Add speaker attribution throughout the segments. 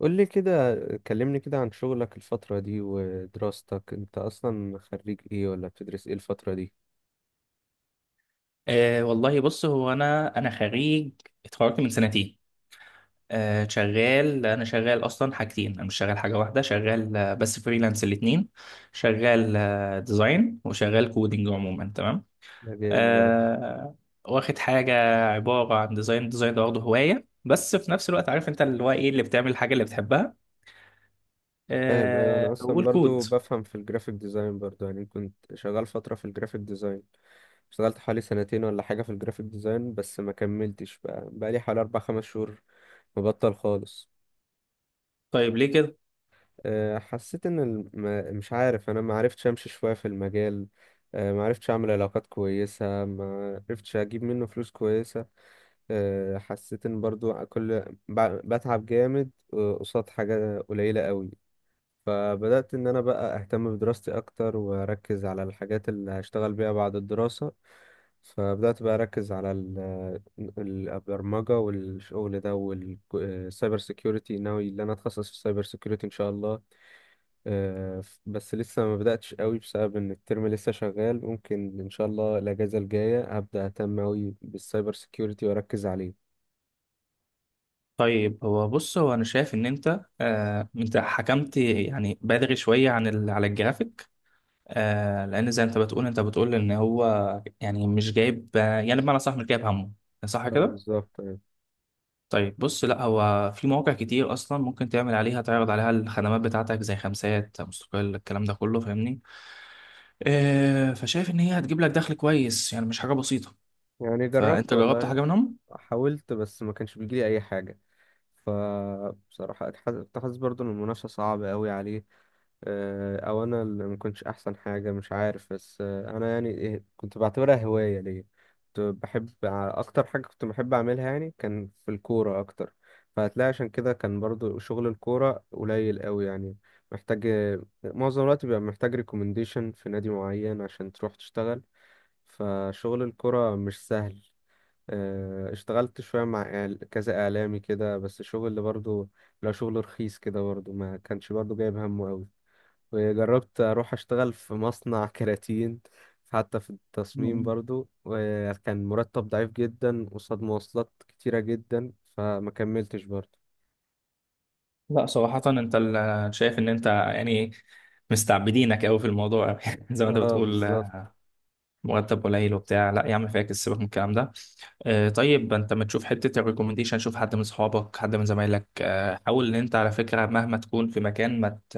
Speaker 1: قول لي كده، كلمني كده عن شغلك الفترة دي ودراستك. انت اصلا خريج ايه ولا بتدرس ايه الفترة دي؟
Speaker 2: والله بص، هو انا خريج. اتخرجت من سنتين. انا شغال اصلا حاجتين، انا مش شغال حاجه واحده. شغال بس فريلانس الاثنين. شغال ديزاين، وشغال كودينج، عموما تمام.
Speaker 1: ده جامد. انا كنت
Speaker 2: أه واخد حاجه عباره عن ديزاين. ديزاين ده برضه هوايه، بس في نفس الوقت عارف انت اللي هو ايه؟ اللي بتعمل الحاجه اللي بتحبها.
Speaker 1: فاهم، ايوه. انا اصلا برضو
Speaker 2: والكود.
Speaker 1: بفهم في الجرافيك ديزاين برضو، يعني كنت شغال فترة في الجرافيك ديزاين. اشتغلت حوالي سنتين ولا حاجة في الجرافيك ديزاين بس ما كملتش، بقى بقالي حوالي اربع خمس شهور مبطل خالص.
Speaker 2: طيب ليه كده؟
Speaker 1: حسيت ان الم... ما- مش عارف، انا ما عرفتش امشي شوية في المجال. ما عرفتش اعمل علاقات كويسة، ما عرفتش اجيب منه فلوس كويسة. حسيت ان برضو كل بتعب جامد قصاد حاجة قليلة قوي. فبدأت ان انا بقى اهتم بدراستي اكتر واركز على الحاجات اللي هشتغل بيها بعد الدراسة. فبدأت بقى اركز على البرمجة والشغل ده والسايبر سيكيورتي. ناوي ان انا اتخصص في السايبر سيكيورتي ان شاء الله. بس لسه ما بدأتش قوي بسبب ان الترم لسه شغال. ممكن ان شاء الله الاجازة الجاية هبدأ اهتم قوي بالسايبر سيكيورتي واركز عليه.
Speaker 2: طيب هو بص، هو انا شايف ان انت انت حكمت، يعني بدري شويه عن على الجرافيك. لان زي انت بتقول ان هو يعني مش جايب، يعني بمعنى صح، مش جايب همه. صح
Speaker 1: اه
Speaker 2: كده؟
Speaker 1: بالظبط، أيوة.
Speaker 2: طيب بص، لا، هو في مواقع كتير اصلا ممكن تعمل عليها، تعرض عليها الخدمات بتاعتك، زي خمسات، مستقل، الكلام ده كله، فاهمني؟ فشايف ان هي هتجيب لك دخل كويس، يعني مش حاجه بسيطه.
Speaker 1: يعني جربت
Speaker 2: فانت جربت
Speaker 1: والله،
Speaker 2: حاجه منهم؟
Speaker 1: حاولت بس ما كانش بيجيلي اي حاجه. فبصراحه كنت حاسس برضو ان المنافسه صعبه قوي عليه. او انا اللي ما كنتش احسن حاجه، مش عارف، بس انا يعني إيه، كنت بعتبرها هوايه ليا. كنت بحب اكتر حاجه كنت بحب اعملها يعني كان في الكوره اكتر. فهتلاقي عشان كده كان برضو شغل الكوره قليل قوي يعني. محتاج، معظم الوقت بيبقى محتاج ريكومنديشن في نادي معين عشان تروح تشتغل. فشغل الكرة مش سهل. اشتغلت شوية مع كذا إعلامي كده، بس شغل اللي برضه لو شغل رخيص كده برضه ما كانش برضه جايب همه أوي. وجربت أروح أشتغل في مصنع كراتين حتى في التصميم
Speaker 2: م-م.
Speaker 1: برضه، وكان مرتب ضعيف جدا قصاد مواصلات كتيرة جدا فما كملتش برضه.
Speaker 2: لا صراحه، انت شايف ان انت يعني مستعبدينك قوي في الموضوع زي ما انت
Speaker 1: اه
Speaker 2: بتقول.
Speaker 1: بالظبط.
Speaker 2: مرتب قليل وبتاع، لا يا عم، فاكس، سيبك من الكلام ده. طيب انت ما تشوف حته الريكومنديشن؟ شوف حد من اصحابك، حد من زمايلك. حاول ان انت، على فكره، مهما تكون في مكان ما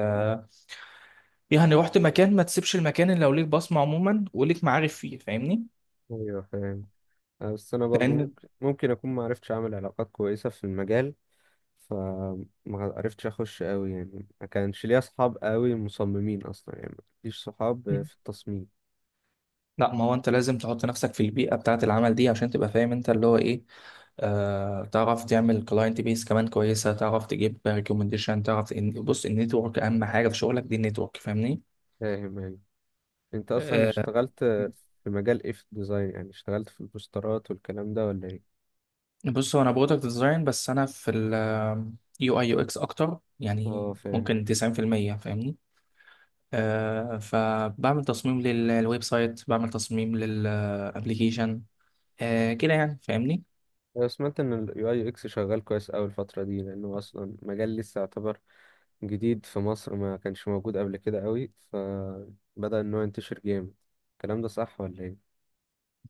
Speaker 2: يعني رحت مكان، ما تسيبش المكان اللي لو ليك بصمه عموما وليك معارف فيه، فاهمني؟
Speaker 1: ايوه فاهم. بس انا برضو
Speaker 2: لان،
Speaker 1: ممكن اكون ما عرفتش اعمل علاقات كويسه في المجال. فما عرفتش اخش قوي يعني، ما كانش ليا اصحاب قوي مصممين اصلا، يعني مفيش صحاب في التصميم.
Speaker 2: لا، ما هو انت لازم تحط نفسك في البيئه بتاعه العمل دي عشان تبقى فاهم انت اللي هو ايه. تعرف تعمل كلاينت بيس كمان كويسه، تعرف تجيب ريكومنديشن، تعرف ان، بص، النتورك اهم حاجه في شغلك دي، النتورك، فاهمني؟
Speaker 1: فاهم يعني. انت اصلا
Speaker 2: آه،
Speaker 1: اشتغلت في مجال ايه في الديزاين؟ يعني اشتغلت في البوسترات والكلام ده ولا ايه؟
Speaker 2: بص، هو انا برودكت ديزاين، بس انا في ال يو اي يو اكس اكتر،
Speaker 1: اه
Speaker 2: يعني
Speaker 1: فاهم.
Speaker 2: ممكن 90%، فاهمني؟ فبعمل تصميم للويب سايت، بعمل تصميم للابليكيشن. كده يعني، فاهمني؟
Speaker 1: انا سمعت ان اليو اي اكس شغال كويس قوي الفتره دي لانه اصلا مجال لسه يعتبر جديد في مصر، ما كانش موجود قبل كده قوي فبدأ ان هو ينتشر جامد. الكلام ده صح ولا ايه؟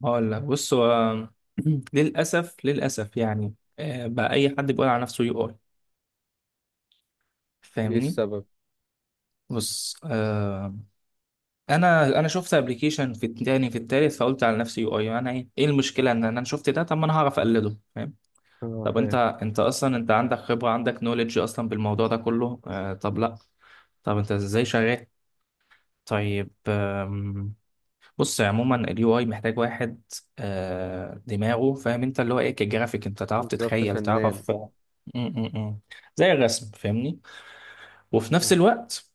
Speaker 2: هقول لك، بص هو للاسف، للاسف يعني بقى اي حد بيقول على نفسه يو اي،
Speaker 1: ليه
Speaker 2: فاهمني؟
Speaker 1: السبب؟
Speaker 2: بص انا شفت ابلكيشن في التاني، في التالت، فقلت على نفسي يو اي انا، ايه المشكله ان انا شفت ده؟ طب ما انا هعرف اقلده، فاهم؟
Speaker 1: اه
Speaker 2: طب انت
Speaker 1: فاهم
Speaker 2: انت اصلا انت عندك خبرة، عندك نوليدج اصلا بالموضوع ده كله. طب لا، طب انت ازاي شغال؟ طيب بص، عموما اليو اي محتاج واحد دماغه فاهم انت اللي هو ايه، كجرافيك، انت تعرف
Speaker 1: بالظبط،
Speaker 2: تتخيل،
Speaker 1: فنان.
Speaker 2: تعرف م- م- م. زي الرسم، فاهمني؟ وفي نفس الوقت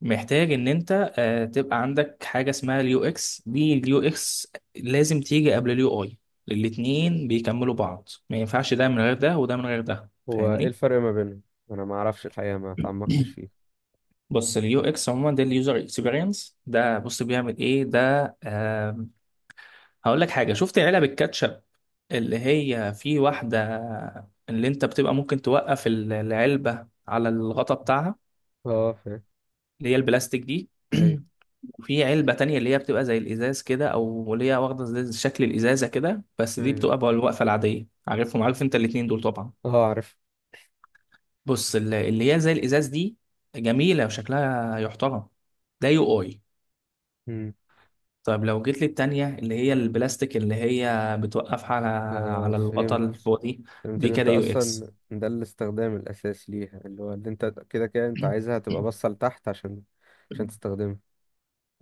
Speaker 2: محتاج ان انت تبقى عندك حاجة اسمها اليو اكس دي. اليو اكس لازم تيجي قبل اليو اي. الاتنين بيكملوا بعض، ما ينفعش ده من غير ده، وده من غير ده،
Speaker 1: هو ايه
Speaker 2: فاهمني؟
Speaker 1: الفرق ما بينهم؟ انا ما اعرفش الحقيقه، ما تعمقتش فيه.
Speaker 2: بص، اليو اكس عموما ده اليوزر اكسبيرينس، ده بص بيعمل ايه ده؟ آم، هقول لك حاجه، شفت علب الكاتشب؟ اللي هي في واحده اللي انت بتبقى ممكن توقف العلبه على الغطا بتاعها،
Speaker 1: اه فاهم.
Speaker 2: اللي هي البلاستيك دي
Speaker 1: ايوه.
Speaker 2: وفي علبه تانية اللي هي بتبقى زي الازاز كده، او اللي هي واخده زي شكل الازازه كده، بس دي
Speaker 1: ايوه.
Speaker 2: بتبقى بقى الوقفه العاديه. عارفهم؟ عارف انت الاتنين دول طبعا.
Speaker 1: اه عارف.
Speaker 2: بص، اللي هي زي الازاز دي جميله وشكلها يحترم، ده يو اي.
Speaker 1: امم.
Speaker 2: طيب لو جيت لي التانية اللي هي البلاستيك اللي هي بتوقف على
Speaker 1: اه
Speaker 2: على الغطا
Speaker 1: فهمت.
Speaker 2: اللي فوق دي،
Speaker 1: فهمت
Speaker 2: دي
Speaker 1: ان انت
Speaker 2: كده يو اكس.
Speaker 1: اصلا ده الاستخدام الاساسي ليها اللي هو اللي انت كده كده انت عايزها تبقى باصه لتحت عشان عشان تستخدمها.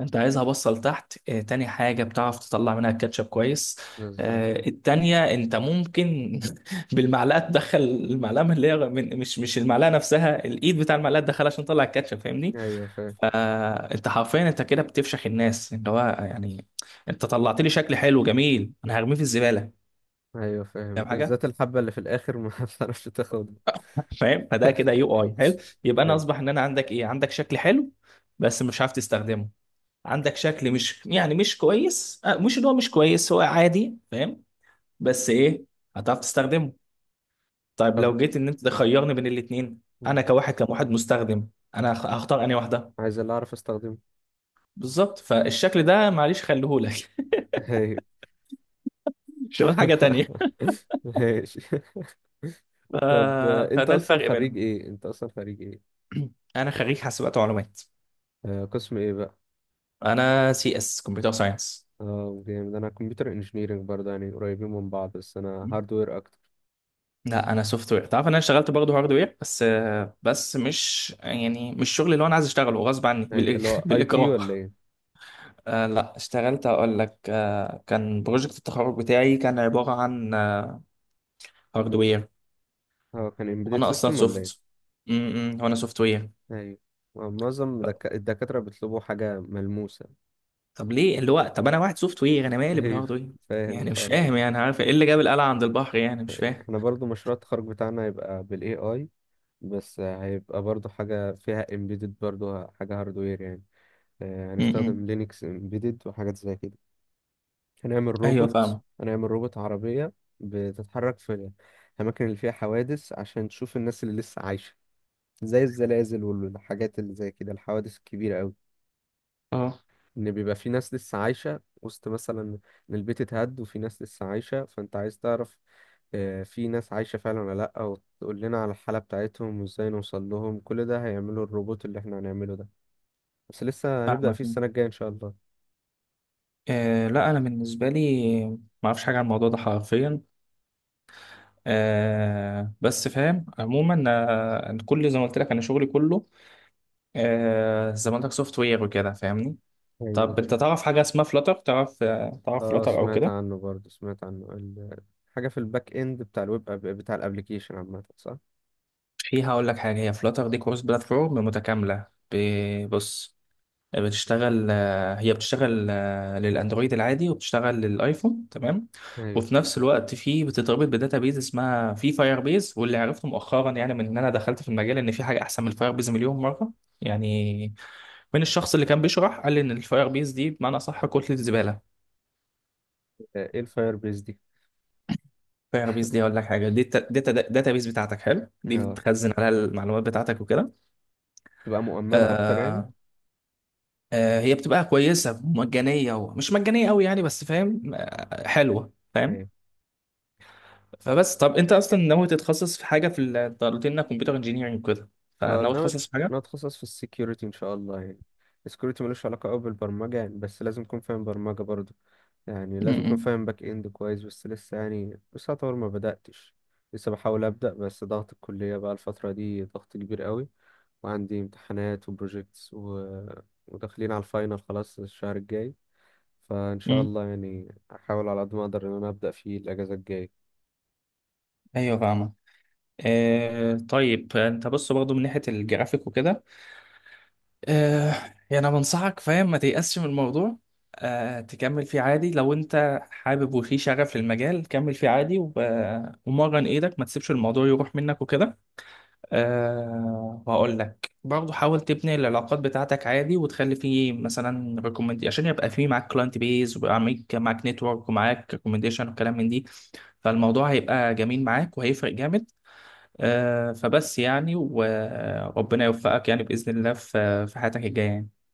Speaker 2: انت عايزها بصل تحت. اه، تاني حاجة، بتعرف تطلع منها الكاتشب كويس.
Speaker 1: بالظبط.
Speaker 2: اه التانية انت ممكن بالمعلقة تدخل المعلقة من اللي هي، من، مش المعلقة نفسها، الايد بتاع المعلقة، تدخلها عشان تطلع الكاتشب، فاهمني؟
Speaker 1: ايوه فاهم.
Speaker 2: فانت حرفيا انت كده بتفشخ الناس، اللي هو يعني انت طلعت لي شكل حلو جميل انا هرميه في الزبالة؟
Speaker 1: ايوه فاهم
Speaker 2: فاهم حاجة؟
Speaker 1: بالذات الحبه اللي في الاخر ما بتعرفش تاخدها.
Speaker 2: فاهم؟ فده كده يو اي حلو، يبقى انا
Speaker 1: ايوه.
Speaker 2: اصبح ان انا عندك ايه؟ عندك شكل حلو بس مش عارف تستخدمه. عندك شكل مش يعني مش كويس مش اللي هو مش كويس، هو عادي، فاهم؟ بس ايه؟ هتعرف تستخدمه. طيب
Speaker 1: طب
Speaker 2: لو جيت ان انت تخيرني بين الاثنين،
Speaker 1: مم.
Speaker 2: انا كواحد كموحد مستخدم، انا هختار انهي واحده؟
Speaker 1: عايز اللي اعرف استخدمه.
Speaker 2: بالظبط، فالشكل ده معلش خليهولك
Speaker 1: ايوه.
Speaker 2: شغل حاجه تانية.
Speaker 1: ماشي.
Speaker 2: ف...
Speaker 1: طب انت
Speaker 2: فده
Speaker 1: اصلا
Speaker 2: الفرق
Speaker 1: خريج
Speaker 2: بينهم.
Speaker 1: ايه؟ انت اصلا خريج ايه؟
Speaker 2: انا خريج حاسبات ومعلومات.
Speaker 1: قسم ايه بقى؟
Speaker 2: انا سي اس، كمبيوتر ساينس.
Speaker 1: اه جامد. انا كمبيوتر انجينيرنج برضه، يعني قريبين من بعض بس انا هاردوير اكتر.
Speaker 2: لا انا سوفت وير، تعرف ان انا اشتغلت برضه هارد وير، بس بس مش يعني مش الشغل اللي هو انا عايز اشتغله، غصب عني،
Speaker 1: اي اللي هو اي تي
Speaker 2: بالاكراه.
Speaker 1: ولا ايه؟
Speaker 2: لا، اشتغلت، اقول لك. كان بروجكت التخرج بتاعي كان عباره عن هارد وير،
Speaker 1: اه كان امبيدد
Speaker 2: وانا اصلا
Speaker 1: سيستم ولا
Speaker 2: سوفت.
Speaker 1: ايه؟
Speaker 2: وانا سوفت وير.
Speaker 1: ايوه. معظم الدكاترة بيطلبوا حاجة ملموسة.
Speaker 2: طب ليه؟ اللي هو طب انا واحد سوفت وير، انا مالي
Speaker 1: ايوه،
Speaker 2: بالهارد وير؟
Speaker 1: فاهم
Speaker 2: يعني مش
Speaker 1: الحوار ده.
Speaker 2: فاهم، يعني عارف ايه اللي جاب القلعه عند البحر، يعني مش فاهم.
Speaker 1: احنا برضه مشروع التخرج بتاعنا هيبقى بالاي اي، بس هيبقى برضه حاجة فيها امبيدد، برضه حاجة هاردوير يعني. هنستخدم
Speaker 2: امم.
Speaker 1: لينكس امبيدد وحاجات زي كده. هنعمل
Speaker 2: ايوه
Speaker 1: روبوت
Speaker 2: فاهم.
Speaker 1: هنعمل روبوت عربية بتتحرك في الأماكن اللي فيها حوادث عشان تشوف الناس اللي لسه عايشة زي الزلازل والحاجات اللي زي كده، الحوادث الكبيرة أوي.
Speaker 2: اه
Speaker 1: إن بيبقى في ناس لسه عايشة وسط، مثلا إن البيت اتهد وفي ناس لسه عايشة، فأنت عايز تعرف في ناس عايشة فعلا ولا لأ، وتقول لنا على الحالة بتاعتهم وإزاي نوصل لهم. كل ده هيعمله الروبوت اللي إحنا هنعمله ده. بس لسه هنبدأ
Speaker 2: فاهمك.
Speaker 1: فيه السنة الجاية إن شاء الله.
Speaker 2: لا، انا بالنسبه لي ما اعرفش حاجه عن الموضوع ده حرفيا. بس فاهم عموما. أنا، كل زي ما قلت لك، انا شغلي كله، زي ما قلت لك، سوفت وير وكده، فاهمني؟ طب انت
Speaker 1: أيوة.
Speaker 2: تعرف حاجه اسمها فلاتر؟ تعرف تعرف
Speaker 1: اه
Speaker 2: فلاتر او
Speaker 1: سمعت
Speaker 2: كده؟
Speaker 1: عنه برضه، سمعت عنه حاجة في الباك اند بتاع بتاع الابليكيشن عامة، صح؟
Speaker 2: فيها، اقول لك حاجه، هي فلاتر دي كورس بلاتفورم متكامله. بص، بتشتغل هي بتشتغل للاندرويد العادي، وبتشتغل للايفون، تمام.
Speaker 1: ايوه.
Speaker 2: وفي نفس الوقت، في بتتربط بداتا بيز اسمها في فاير بيز. واللي عرفته مؤخرا يعني، من ان انا دخلت في المجال، ان في حاجه احسن من الفاير بيز مليون مره يعني، من الشخص اللي كان بيشرح قال لي ان الفاير بيز دي بمعنى صح كتله الزباله.
Speaker 1: ايه الفاير بيس دي؟
Speaker 2: فاير بيز دي اقول لك حاجه، دي داتا بيز بتاعتك حلو، دي
Speaker 1: اه،
Speaker 2: بتخزن عليها المعلومات بتاعتك وكده.
Speaker 1: تبقى مؤمنة اكتر يعني؟
Speaker 2: آه آه هي بتبقى كويسه، مجانيه ومش مجانيه قوي يعني، بس فاهم، حلوه، فاهم؟
Speaker 1: ايوه.
Speaker 2: فبس، طب انت اصلا ناوي تتخصص في حاجه في انت قلت لنا كمبيوتر انجينيرنج وكده،
Speaker 1: اه
Speaker 2: فناوي
Speaker 1: ناوي.
Speaker 2: تتخصص في حاجه؟
Speaker 1: ناوي اتخصص في السكيورتي ان شاء الله يعني. السكيورتي ملوش علاقة قوي بالبرمجة يعني، بس لازم اكون فاهم برمجة برضه. يعني لازم اكون
Speaker 2: امم.
Speaker 1: فاهم باك اند كويس، بس لسه يعني لسه اطور، ما بدأتش. لسه بحاول أبدأ بس ضغط الكلية بقى الفترة دي ضغط كبير قوي، وعندي امتحانات وبروجيكتس و... وداخلين على الفاينل خلاص الشهر الجاي. فإن شاء الله يعني أحاول على قد ما أقدر إن أنا أبدأ فيه الأجازة الجاية
Speaker 2: ايوه فاهمه. طيب انت بص برضه من ناحيه الجرافيك وكده، آه يعني انا بنصحك، فاهم؟ ما تيأسش من الموضوع. تكمل فيه عادي، لو انت حابب وفي شغف للمجال، كمل فيه عادي، ومرن ايدك، ما تسيبش الموضوع يروح منك وكده. وهقول لك برضه، حاول تبني العلاقات بتاعتك عادي، وتخلي فيه مثلا ريكومند عشان يبقى فيه معاك كلاينت بيز، ويبقى معاك نتورك، ومعاك ريكومنديشن وكلام من دي. فالموضوع هيبقى جميل معاك، وهيفرق جامد. فبس يعني، وربنا يوفقك يعني بإذن الله، في حياتك الجاية يعني.